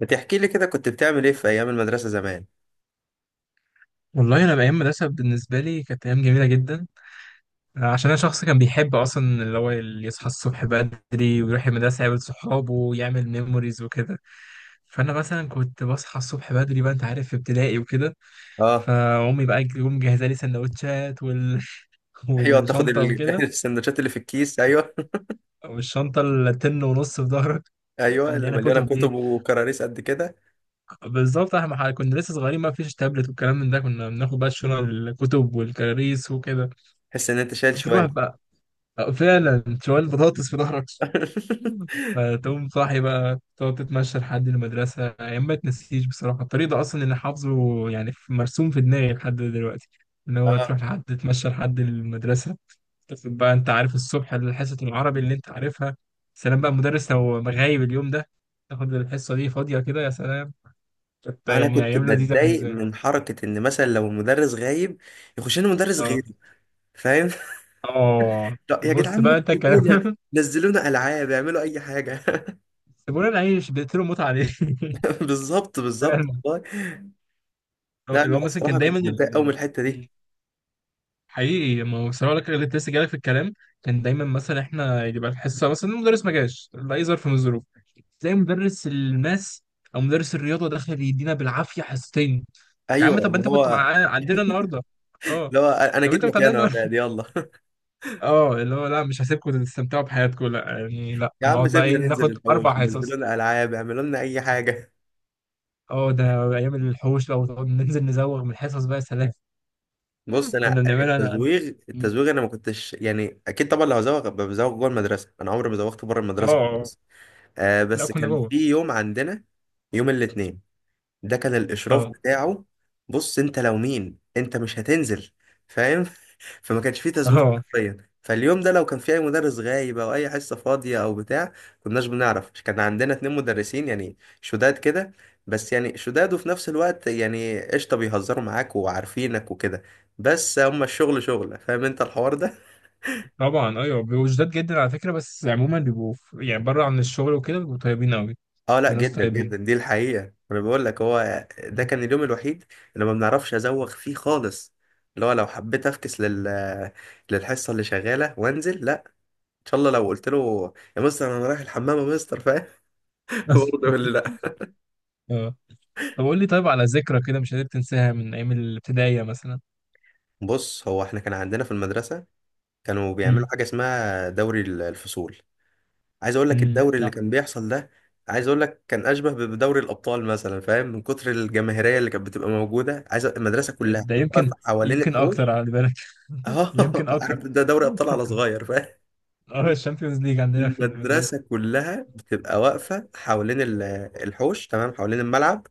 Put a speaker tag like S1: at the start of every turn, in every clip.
S1: ما تحكي لي كده، كنت بتعمل ايه في ايام المدرسه زمان؟
S2: والله انا ايام مدرسه بالنسبه لي كانت ايام جميله جدا. عشان انا شخص كان بيحب اصلا اللي يصحى الصبح بدري ويروح المدرسه يقابل صحابه ويعمل ميموريز وكده. فانا مثلا كنت بصحى الصبح بدري بقى انت عارف في ابتدائي وكده.
S1: اه
S2: فامي بقى تقوم مجهزه لي سندوتشات وال...
S1: ايوه، تاخد
S2: والشنطه وكده.
S1: السندوتشات اللي في الكيس، ايوه.
S2: والشنطه التن ونص في ظهرك
S1: ايوه، اللي
S2: مليانه
S1: مليانه
S2: كتب
S1: كتب
S2: دي.
S1: وكراريس قد كده.
S2: بالظبط احنا كنا لسه صغيرين ما فيش تابلت والكلام من ده، كنا بناخد بقى الشنط الكتب والكراريس وكده.
S1: تحس ان انت شايل
S2: تروح
S1: شوال.
S2: بقى آه، فعلا شوال بطاطس في ظهرك. فتقوم صاحي بقى تقعد تتمشى لحد المدرسة، أيام ما تنسيش بصراحة. الطريق ده أصلا اللي حافظه يعني مرسوم في دماغي لحد دلوقتي، إن هو
S1: اه
S2: تروح لحد تتمشى لحد المدرسة. تاخد بقى أنت عارف الصبح حصة العربي اللي أنت عارفها، سلام بقى المدرس لو غايب اليوم ده، تاخد الحصة دي فاضية كده يا سلام. كانت
S1: انا
S2: يعني
S1: كنت
S2: أيام لذيذة
S1: بتضايق
S2: بالنسبة لي.
S1: من حركه ان مثلا لو المدرس غايب يخش لنا مدرس
S2: أه.
S1: غيري، فاهم؟
S2: أه.
S1: لا يا
S2: بص
S1: جدعان، ما
S2: بقى أنت كلام.
S1: تسيبونا، نزلونا العاب، اعملوا اي حاجه.
S2: سيبونا نعيش، بيقتلوا موت عليه.
S1: بالظبط بالظبط
S2: فعلا.
S1: والله. لا
S2: اللي
S1: انا
S2: هو مثلا
S1: الصراحه
S2: كان
S1: كنت
S2: دايما
S1: بتضايق قوي من
S2: ال...
S1: الحته دي.
S2: حقيقي ما هو صراحة لك اللي لسه جالك في الكلام. كان دايما مثلا احنا يبقى الحصة مثلا المدرس ما جاش لأي ظرف من الظروف، تلاقي مدرس الماس أو مدرس الرياضة داخل يدينا بالعافية حصتين. يا
S1: ايوه،
S2: عم طب
S1: اللي
S2: أنت كنت
S1: هو،
S2: معانا عندنا النهاردة؟ أه.
S1: اللي هو انا
S2: طب
S1: جيت
S2: أنت كنت عندنا
S1: مكانه يا
S2: النهاردة؟
S1: اولاد يلا.
S2: أه، اللي هو لا مش هسيبكم تستمتعوا بحياتكم، لا يعني لا،
S1: يا عم
S2: نقعد بقى
S1: سيبنا
S2: إيه
S1: ننزل
S2: ناخد
S1: الحوش،
S2: أربع
S1: نزلوا
S2: حصص.
S1: لنا العاب، اعملوا لنا اي حاجه.
S2: أه ده أيام الحوش، لو نقعد ننزل نزوغ من الحصص بقى يا سلام.
S1: بص، انا
S2: كنا بنعملها أنا.
S1: التزويغ، التزويغ انا ما كنتش، يعني اكيد طبعا لو هزوغ أبقى بزوغ جوه المدرسه، انا عمري ما زوغت بره المدرسه
S2: أه.
S1: خالص. آه
S2: لا
S1: بس
S2: كنا
S1: كان
S2: جوه.
S1: في يوم عندنا، يوم الاثنين ده كان الاشراف
S2: اه.
S1: بتاعه، بص انت لو مين انت مش هتنزل، فاهم؟ فما كانش فيه تزويق
S2: اه
S1: حرفيا، فاليوم ده لو كان في اي مدرس غايب او اي حصه فاضيه او بتاع، كناش بنعرف. كان عندنا اتنين مدرسين يعني شداد كده، بس يعني شداد وفي نفس الوقت يعني قشطه، بيهزروا معاك وعارفينك وكده، بس هما الشغل شغله، فاهم انت الحوار ده؟
S2: طبعا، ايوه بيبقوا شداد جدا على فكره، بس عموما بيبقوا يعني بره عن الشغل وكده بيبقوا طيبين قوي.
S1: اه لا،
S2: بيبقوا ناس
S1: جدا
S2: طيبين.
S1: جدا، دي الحقيقة. انا بقول لك، هو ده كان اليوم الوحيد اللي ما بنعرفش ازوغ فيه خالص. اللي هو لو حبيت افكس لل، للحصة اللي شغالة وانزل، لا، ان شاء الله. لو قلت له يا مستر انا رايح الحمام يا مستر، فاهم؟ برضه يقول لي لا.
S2: اه. طب قول لي طيب، على ذكرى كده مش قادر تنساها من ايام الابتدائيه مثلا.
S1: بص، هو احنا كان عندنا في المدرسة كانوا بيعملوا
S2: امم.
S1: حاجة اسمها دوري الفصول. عايز اقول لك،
S2: امم.
S1: الدوري اللي
S2: لا
S1: كان بيحصل ده، عايز اقول لك كان اشبه بدوري الابطال مثلا، فاهم، من كتر الجماهيريه اللي كانت بتبقى موجوده. عايز المدرسه كلها
S2: ده
S1: بتبقى
S2: يمكن،
S1: واقفة حوالين
S2: يمكن اكتر
S1: الحوش.
S2: على بالك.
S1: اه
S2: يمكن
S1: عارف،
S2: اكتر.
S1: ده دوري ابطال على صغير، فاهم؟
S2: اه الشامبيونز ليج عندنا في المدرسه.
S1: المدرسه كلها بتبقى واقفه حوالين الحوش، تمام، حوالين الملعب.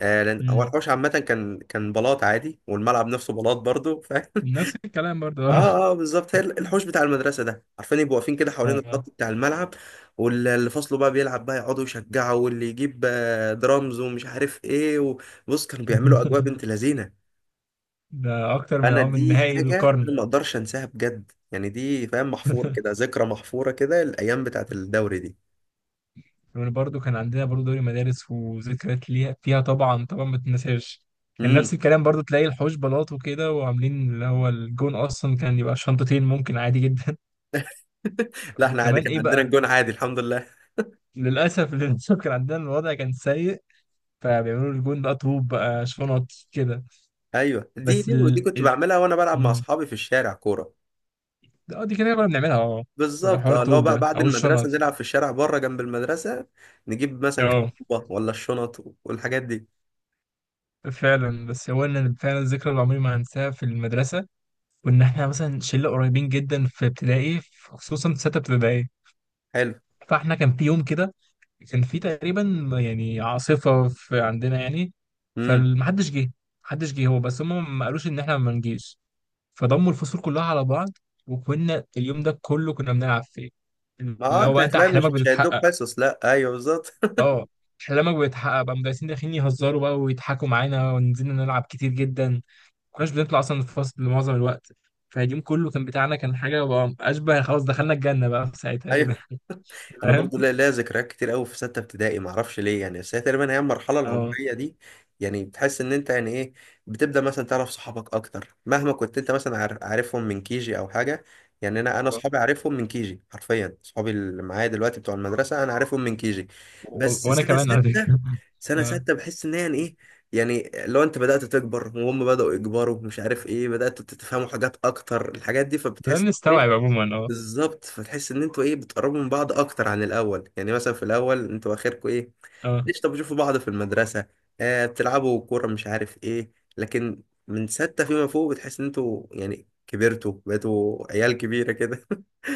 S1: آه، لان هو
S2: امم.
S1: الحوش عامه كان بلاط عادي، والملعب نفسه بلاط برضو، فاهم؟
S2: نفس الكلام برضه اه.
S1: اه بالظبط، هي الحوش بتاع المدرسه ده، عارفين، يبقوا واقفين كده حوالين
S2: آه.
S1: الخط بتاع الملعب. واللي فصله بقى بيلعب بقى يقعدوا يشجعوا، واللي يجيب درامز ومش عارف ايه. وبص، كانوا بيعملوا اجواء بنت لذينه.
S2: ده اكتر من
S1: انا
S2: اه من
S1: دي
S2: نهائي
S1: حاجه
S2: القرن.
S1: انا ما اقدرش انساها بجد، يعني دي، فاهم، محفوره كده، ذكرى محفوره كده الايام بتاعت الدوري دي.
S2: وبرضه كان عندنا برضه دوري مدارس وذكريات ليها فيها، طبعا طبعا ما تنساش. كان
S1: امم
S2: نفس الكلام برضه، تلاقي الحوش بلاط وكده وعاملين اللي هو الجون، اصلا كان يبقى شنطتين ممكن عادي جدا.
S1: لا احنا عادي،
S2: وكمان
S1: كان
S2: ايه
S1: عندنا
S2: بقى،
S1: الجون عادي الحمد لله.
S2: للاسف للاسف كان عندنا الوضع كان سيء، فبيعملوا الجون بقى طوب بقى شنط كده.
S1: ايوه، دي
S2: بس
S1: دي دي
S2: ال
S1: كنت
S2: ال-
S1: بعملها وانا بلعب مع
S2: مم.
S1: اصحابي في الشارع كوره.
S2: اه دي كده كنا بنعملها اه،
S1: بالظبط،
S2: حوار
S1: لو
S2: الطوب
S1: بقى
S2: ده
S1: بعد
S2: او
S1: المدرسه
S2: الشنط.
S1: نلعب في الشارع بره جنب المدرسه، نجيب مثلا كام
S2: اه
S1: طوبه ولا الشنط والحاجات دي.
S2: فعلا. بس هو ان أنا فعلا الذكرى اللي عمري ما هنساها في المدرسه، وان احنا مثلا شله قريبين جدا في ابتدائي خصوصا في سته ابتدائي.
S1: حلو.
S2: فاحنا كان في يوم كده، كان في تقريبا يعني عاصفه في عندنا يعني،
S1: امم
S2: فمحدش جه. محدش جه هو بس هم ما قالوش ان احنا ما نجيش، فضموا الفصول كلها على بعض، وكنا اليوم ده كله كنا بنلعب فيه.
S1: ما
S2: اللي هو
S1: انت
S2: بقى انت
S1: هتلاقي مش
S2: احلامك
S1: مش
S2: بتتحقق.
S1: هيدوك حصص، لا، ايوه بالظبط.
S2: اه احلامك بتتحقق، بقى المدرسين داخلين يهزروا بقى ويضحكوا معانا، ونزلنا نلعب كتير جدا، كناش بنطلع اصلا الفصل معظم الوقت. فاليوم كله كان بتاعنا، كان حاجه بقى اشبه خلاص دخلنا الجنه بقى في ساعتها كده.
S1: انا
S2: فاهم
S1: برضو ليا ذكريات كتير قوي في سته ابتدائي، ما اعرفش ليه يعني، بس هي تقريبا هي المرحله
S2: اه.
S1: العمريه دي، يعني بتحس ان انت يعني ايه، بتبدا مثلا تعرف صحابك اكتر. مهما كنت انت مثلا عارفهم من كيجي او حاجه، يعني انا
S2: آه.
S1: صحابي عارفهم من كيجي، حرفيا، صحابي اللي معايا دلوقتي بتوع المدرسه انا عارفهم من كيجي،
S2: و-
S1: بس
S2: وانا
S1: سنه
S2: كمان على
S1: سته،
S2: فكره.
S1: سنه
S2: اه
S1: سته بحس ان هي يعني ايه، يعني لو انت بدات تكبر وهم بداوا يكبروا مش عارف ايه، بدات تتفهموا حاجات اكتر، الحاجات دي فبتحس
S2: بدأنا نستوعب عموما اه.
S1: بالظبط. فتحس ان انتوا ايه، بتقربوا من بعض اكتر عن الاول. يعني مثلا في الاول انتوا اخركم ايه،
S2: اه.
S1: ايش، طب بتشوفوا بعض في المدرسه، آه بتلعبوا كوره مش عارف ايه، لكن من سته فيما فوق بتحس ان انتوا يعني كبرتوا، بقيتوا عيال كبيره كده.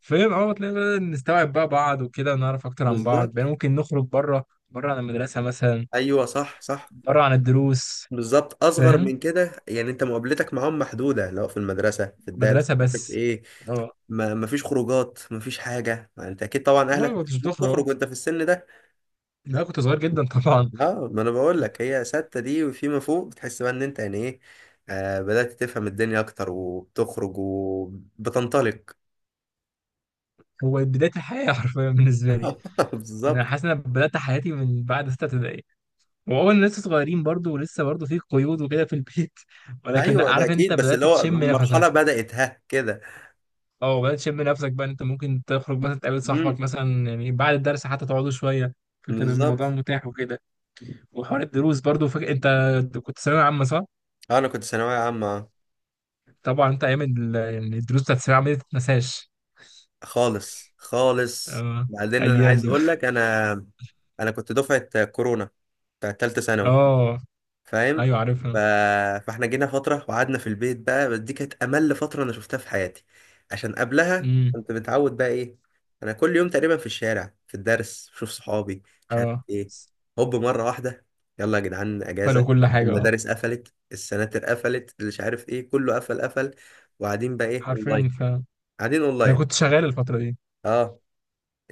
S2: فاهم اه، تلاقي بدأنا نستوعب بقى بعض وكده، ونعرف اكتر عن بعض،
S1: بالظبط،
S2: بقى ممكن نخرج بره عن المدرسه مثلا،
S1: ايوه صح صح.
S2: بره عن الدروس.
S1: بالظبط اصغر
S2: فاهم.
S1: من كده، يعني انت مقابلتك معاهم محدوده، لو في المدرسه في الدرس
S2: مدرسه
S1: مش عارف
S2: بس.
S1: ايه،
S2: اه.
S1: ما ما فيش خروجات، ما فيش حاجه، ما انت اكيد طبعا
S2: والله
S1: اهلك
S2: ما كنتش بتخرج آه.
S1: بتخرج وانت في السن ده؟
S2: لا كنت صغير جدا طبعا.
S1: اه ما انا بقول لك، هي ستة دي وفيما فوق بتحس بقى ان انت يعني ايه، آه بدأت تفهم الدنيا اكتر وبتخرج وبتنطلق.
S2: هو بدايه الحياه حرفيا بالنسبه لي. يعني انا
S1: بالظبط.
S2: حاسس ان انا بدات حياتي من بعد سته ابتدائي، وأول لسه صغيرين برضو ولسه برضو في قيود وكده في البيت ولكن لأ،
S1: ايوه ده
S2: عارف أنت
S1: اكيد، بس
S2: بدأت
S1: اللي هو
S2: تشم نفسك.
S1: المرحلة بدأت ها كده.
S2: أه بدأت تشم نفسك، بقى إن أنت ممكن تخرج مثلا تقابل صاحبك
S1: امم
S2: مثلا يعني بعد الدرس حتى تقعدوا شوية، فكان الموضوع
S1: بالظبط.
S2: متاح وكده. وحوار الدروس برضو فك... أنت كنت ثانوية عامة صح؟
S1: آه، انا كنت ثانوية عامة.
S2: طبعا أنت أيام يعني الدروس بتاعت الثانوية العامة دي متتنساش.
S1: خالص خالص.
S2: أه
S1: بعدين انا
S2: أيام
S1: عايز
S2: دي.
S1: اقول لك، انا كنت دفعة كورونا بتاعت تالتة ثانوي،
S2: أه
S1: فاهم؟
S2: أيوه
S1: ف...
S2: عارفها.
S1: فاحنا جينا فترة وقعدنا في البيت بقى، بس دي كانت أمل فترة أنا شفتها في حياتي. عشان قبلها
S2: أمم.
S1: كنت متعود بقى إيه، أنا كل يوم تقريبا في الشارع في الدرس بشوف صحابي مش عارف
S2: أه.
S1: إيه، هوب مرة واحدة، يلا يا جدعان
S2: فلو
S1: أجازة،
S2: كل حاجة أه،
S1: المدارس قفلت، السناتر قفلت، اللي مش عارف إيه كله قفل قفل، وقاعدين بقى إيه،
S2: حرفيا
S1: أونلاين،
S2: ف،
S1: قاعدين
S2: أنا
S1: أونلاين.
S2: كنت شغال الفترة دي.
S1: أه،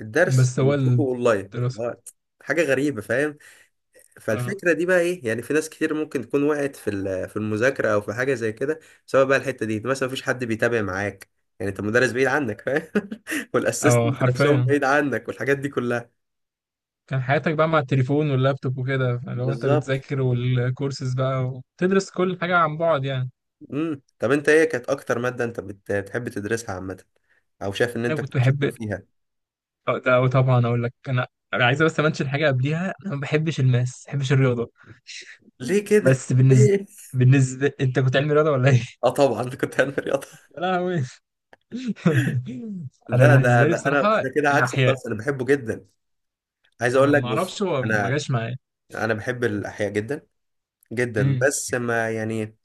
S1: الدرس
S2: بس هو
S1: نشوفه أونلاين،
S2: الدراسة
S1: حاجة غريبة، فاهم؟
S2: آه.
S1: فالفكرة دي بقى ايه، يعني في ناس كتير ممكن تكون وقعت في في المذاكرة او في حاجة زي كده. سواء بقى الحتة دي مثلا مفيش حد بيتابع معاك، يعني انت المدرس بعيد عنك، فاهم؟
S2: اه
S1: والاسيستنت نفسهم
S2: حرفيا،
S1: بعيد عنك، والحاجات دي كلها.
S2: كان حياتك بقى مع التليفون واللابتوب وكده لو انت
S1: بالظبط.
S2: بتذاكر، والكورسز بقى وتدرس كل حاجة عن بعد يعني.
S1: طب انت ايه كانت اكتر مادة انت بتحب تدرسها عامة، او شايف ان
S2: انا
S1: انت
S2: كنت
S1: كنت شاطر
S2: بحب،
S1: فيها؟
S2: اه ده أو طبعا اقول لك انا، انا عايز بس امنشن حاجة قبليها، انا ما بحبش الماس، ما بحبش الرياضة.
S1: ليه كده؟
S2: بس بالنسبة،
S1: ليه؟
S2: بالنسبة انت كنت علمي رياضة ولا ايه؟
S1: اه طبعا كنت علمي رياضة.
S2: يا لهوي. انا
S1: لا،
S2: بالنسبة لي
S1: ده
S2: بصراحة
S1: انا كده عكسك
S2: الاحياء،
S1: خالص، انا بحبه جدا. عايز اقول
S2: أنا
S1: لك،
S2: ما
S1: بص،
S2: اعرفش هو ما
S1: انا
S2: جاش معايا.
S1: انا بحب الاحياء جدا جدا،
S2: امم.
S1: بس ما يعني،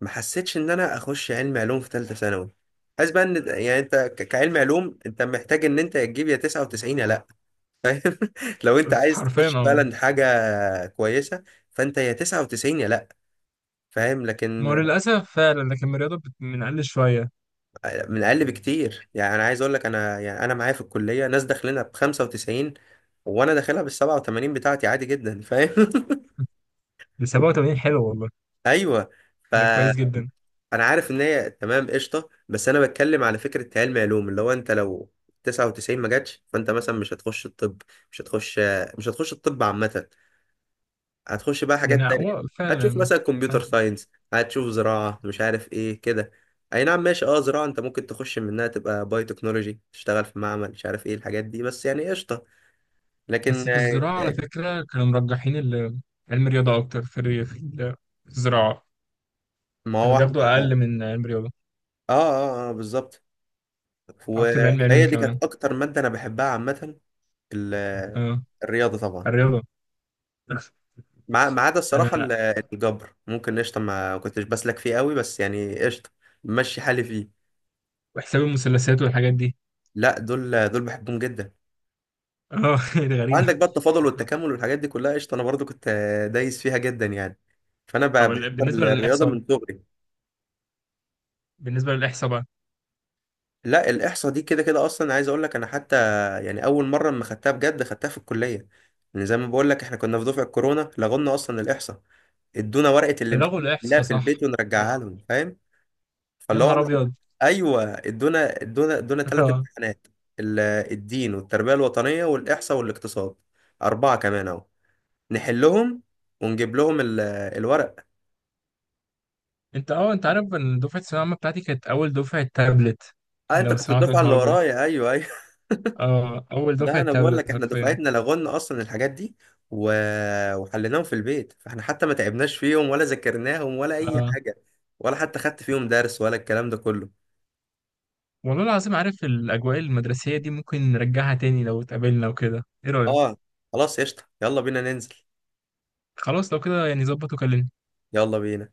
S1: ما حسيتش ان انا اخش علم علوم في ثالثه ثانوي. حاسس بقى ان، يعني انت كعلم علوم انت محتاج ان انت تجيب يا 99 يا لا. لو انت عايز
S2: حرفيا
S1: تخش
S2: اه.
S1: فعلا حاجه كويسه، فانت يا 99 يا لا، فاهم؟
S2: ما هو
S1: لكن
S2: للاسف فعلا، لكن الرياضة بنقل شوية.
S1: من اقل بكتير. يعني انا عايز اقول لك، انا يعني انا معايا في الكليه ناس داخلينها ب 95، وانا داخلها بال 87 بتاعتي عادي جدا، فاهم؟
S2: ب 87 حلو والله،
S1: ايوه. ف
S2: ده كويس جدا.
S1: انا عارف ان هي تمام قشطه، بس انا بتكلم على فكره، علم علوم اللي هو انت لو 99 ما جاتش، فانت مثلا مش هتخش الطب، مش هتخش، مش هتخش الطب عامه، هتخش بقى
S2: يعني
S1: حاجات تانية.
S2: هو
S1: هتشوف
S2: فعلا.
S1: مثلا كمبيوتر ساينس، هتشوف زراعه مش عارف ايه كده. اي نعم ماشي، اه زراعه انت ممكن تخش منها تبقى باي تكنولوجي، تشتغل في معمل مش عارف ايه الحاجات دي، بس يعني قشطه.
S2: بس
S1: لكن
S2: في
S1: آه،
S2: الزراعة على فكرة كانوا مرجحين علم الرياضة أكتر في في الزراعة،
S1: ما هو
S2: كانوا بياخدوا أقل
S1: احنا
S2: من علم الرياضة،
S1: اه, آه بالظبط.
S2: أكتر من
S1: و-
S2: علم علوم
S1: فهي دي
S2: كمان.
S1: كانت اكتر ماده انا بحبها عامه، ال-
S2: أه
S1: الرياضه طبعا.
S2: الرياضة.
S1: ما ما عدا الصراحة
S2: أنا،
S1: الجبر، ممكن قشطة ما كنتش بسلك فيه قوي، بس يعني قشطة، ماشي حالي فيه.
S2: وحساب المثلثات والحاجات دي.
S1: لا دول، دول بحبهم جدا.
S2: أه. دي غريبة.
S1: عندك بقى التفاضل والتكامل والحاجات دي كلها قشطة، أنا برضو كنت دايس فيها جدا يعني. فأنا
S2: طب
S1: بحب
S2: بالنسبة
S1: الرياضة
S2: للإحصاء،
S1: من صغري.
S2: بالنسبة للإحصاء بقى،
S1: لا الإحصاء دي كده كده أصلا، عايز أقول لك أنا حتى، يعني أول مرة لما خدتها بجد خدتها في الكلية، يعني زي ما بقول لك إحنا كنا في دفعة كورونا لغونا أصلا الإحصاء، ادونا ورقة
S2: ده لغوا
S1: الامتحان نحلها
S2: الإحصاء
S1: في
S2: صح؟
S1: البيت
S2: أه.
S1: ونرجعها لهم، فاهم؟
S2: يا
S1: فاللي هو
S2: نهار
S1: انا،
S2: أبيض.
S1: ايوه، ادونا ادونا ثلاث
S2: أه
S1: امتحانات، ال- الدين والتربيه الوطنيه والاحصاء والاقتصاد، اربعه كمان اهو، نحلهم ونجيب لهم الورق.
S2: أنت أه أنث- أه، أنت عارف إن دفعة الثانوية العامة بتاعتي كانت أول دفعة تابلت،
S1: اه انت
S2: لو
S1: كنت
S2: سمعت
S1: الدفعه اللي
S2: الحوار ده.
S1: ورايا، ايوه ايوه.
S2: اه اول
S1: لا
S2: دفعه
S1: انا بقول
S2: تابلت
S1: لك، احنا
S2: حرفيا.
S1: دفعتنا لغونا اصلا الحاجات دي و... وحليناهم في البيت، فاحنا حتى ما تعبناش فيهم ولا ذاكرناهم ولا اي
S2: اه.
S1: حاجه، ولا حتى خدت فيهم درس ولا الكلام ده كله.
S2: والله العظيم، عارف الاجواء المدرسيه دي ممكن نرجعها تاني لو اتقابلنا وكده، ايه رايك؟
S1: اه خلاص قشطه، يلا بينا ننزل.
S2: خلاص لو كده يعني ظبط وكلمني.
S1: يلا بينا.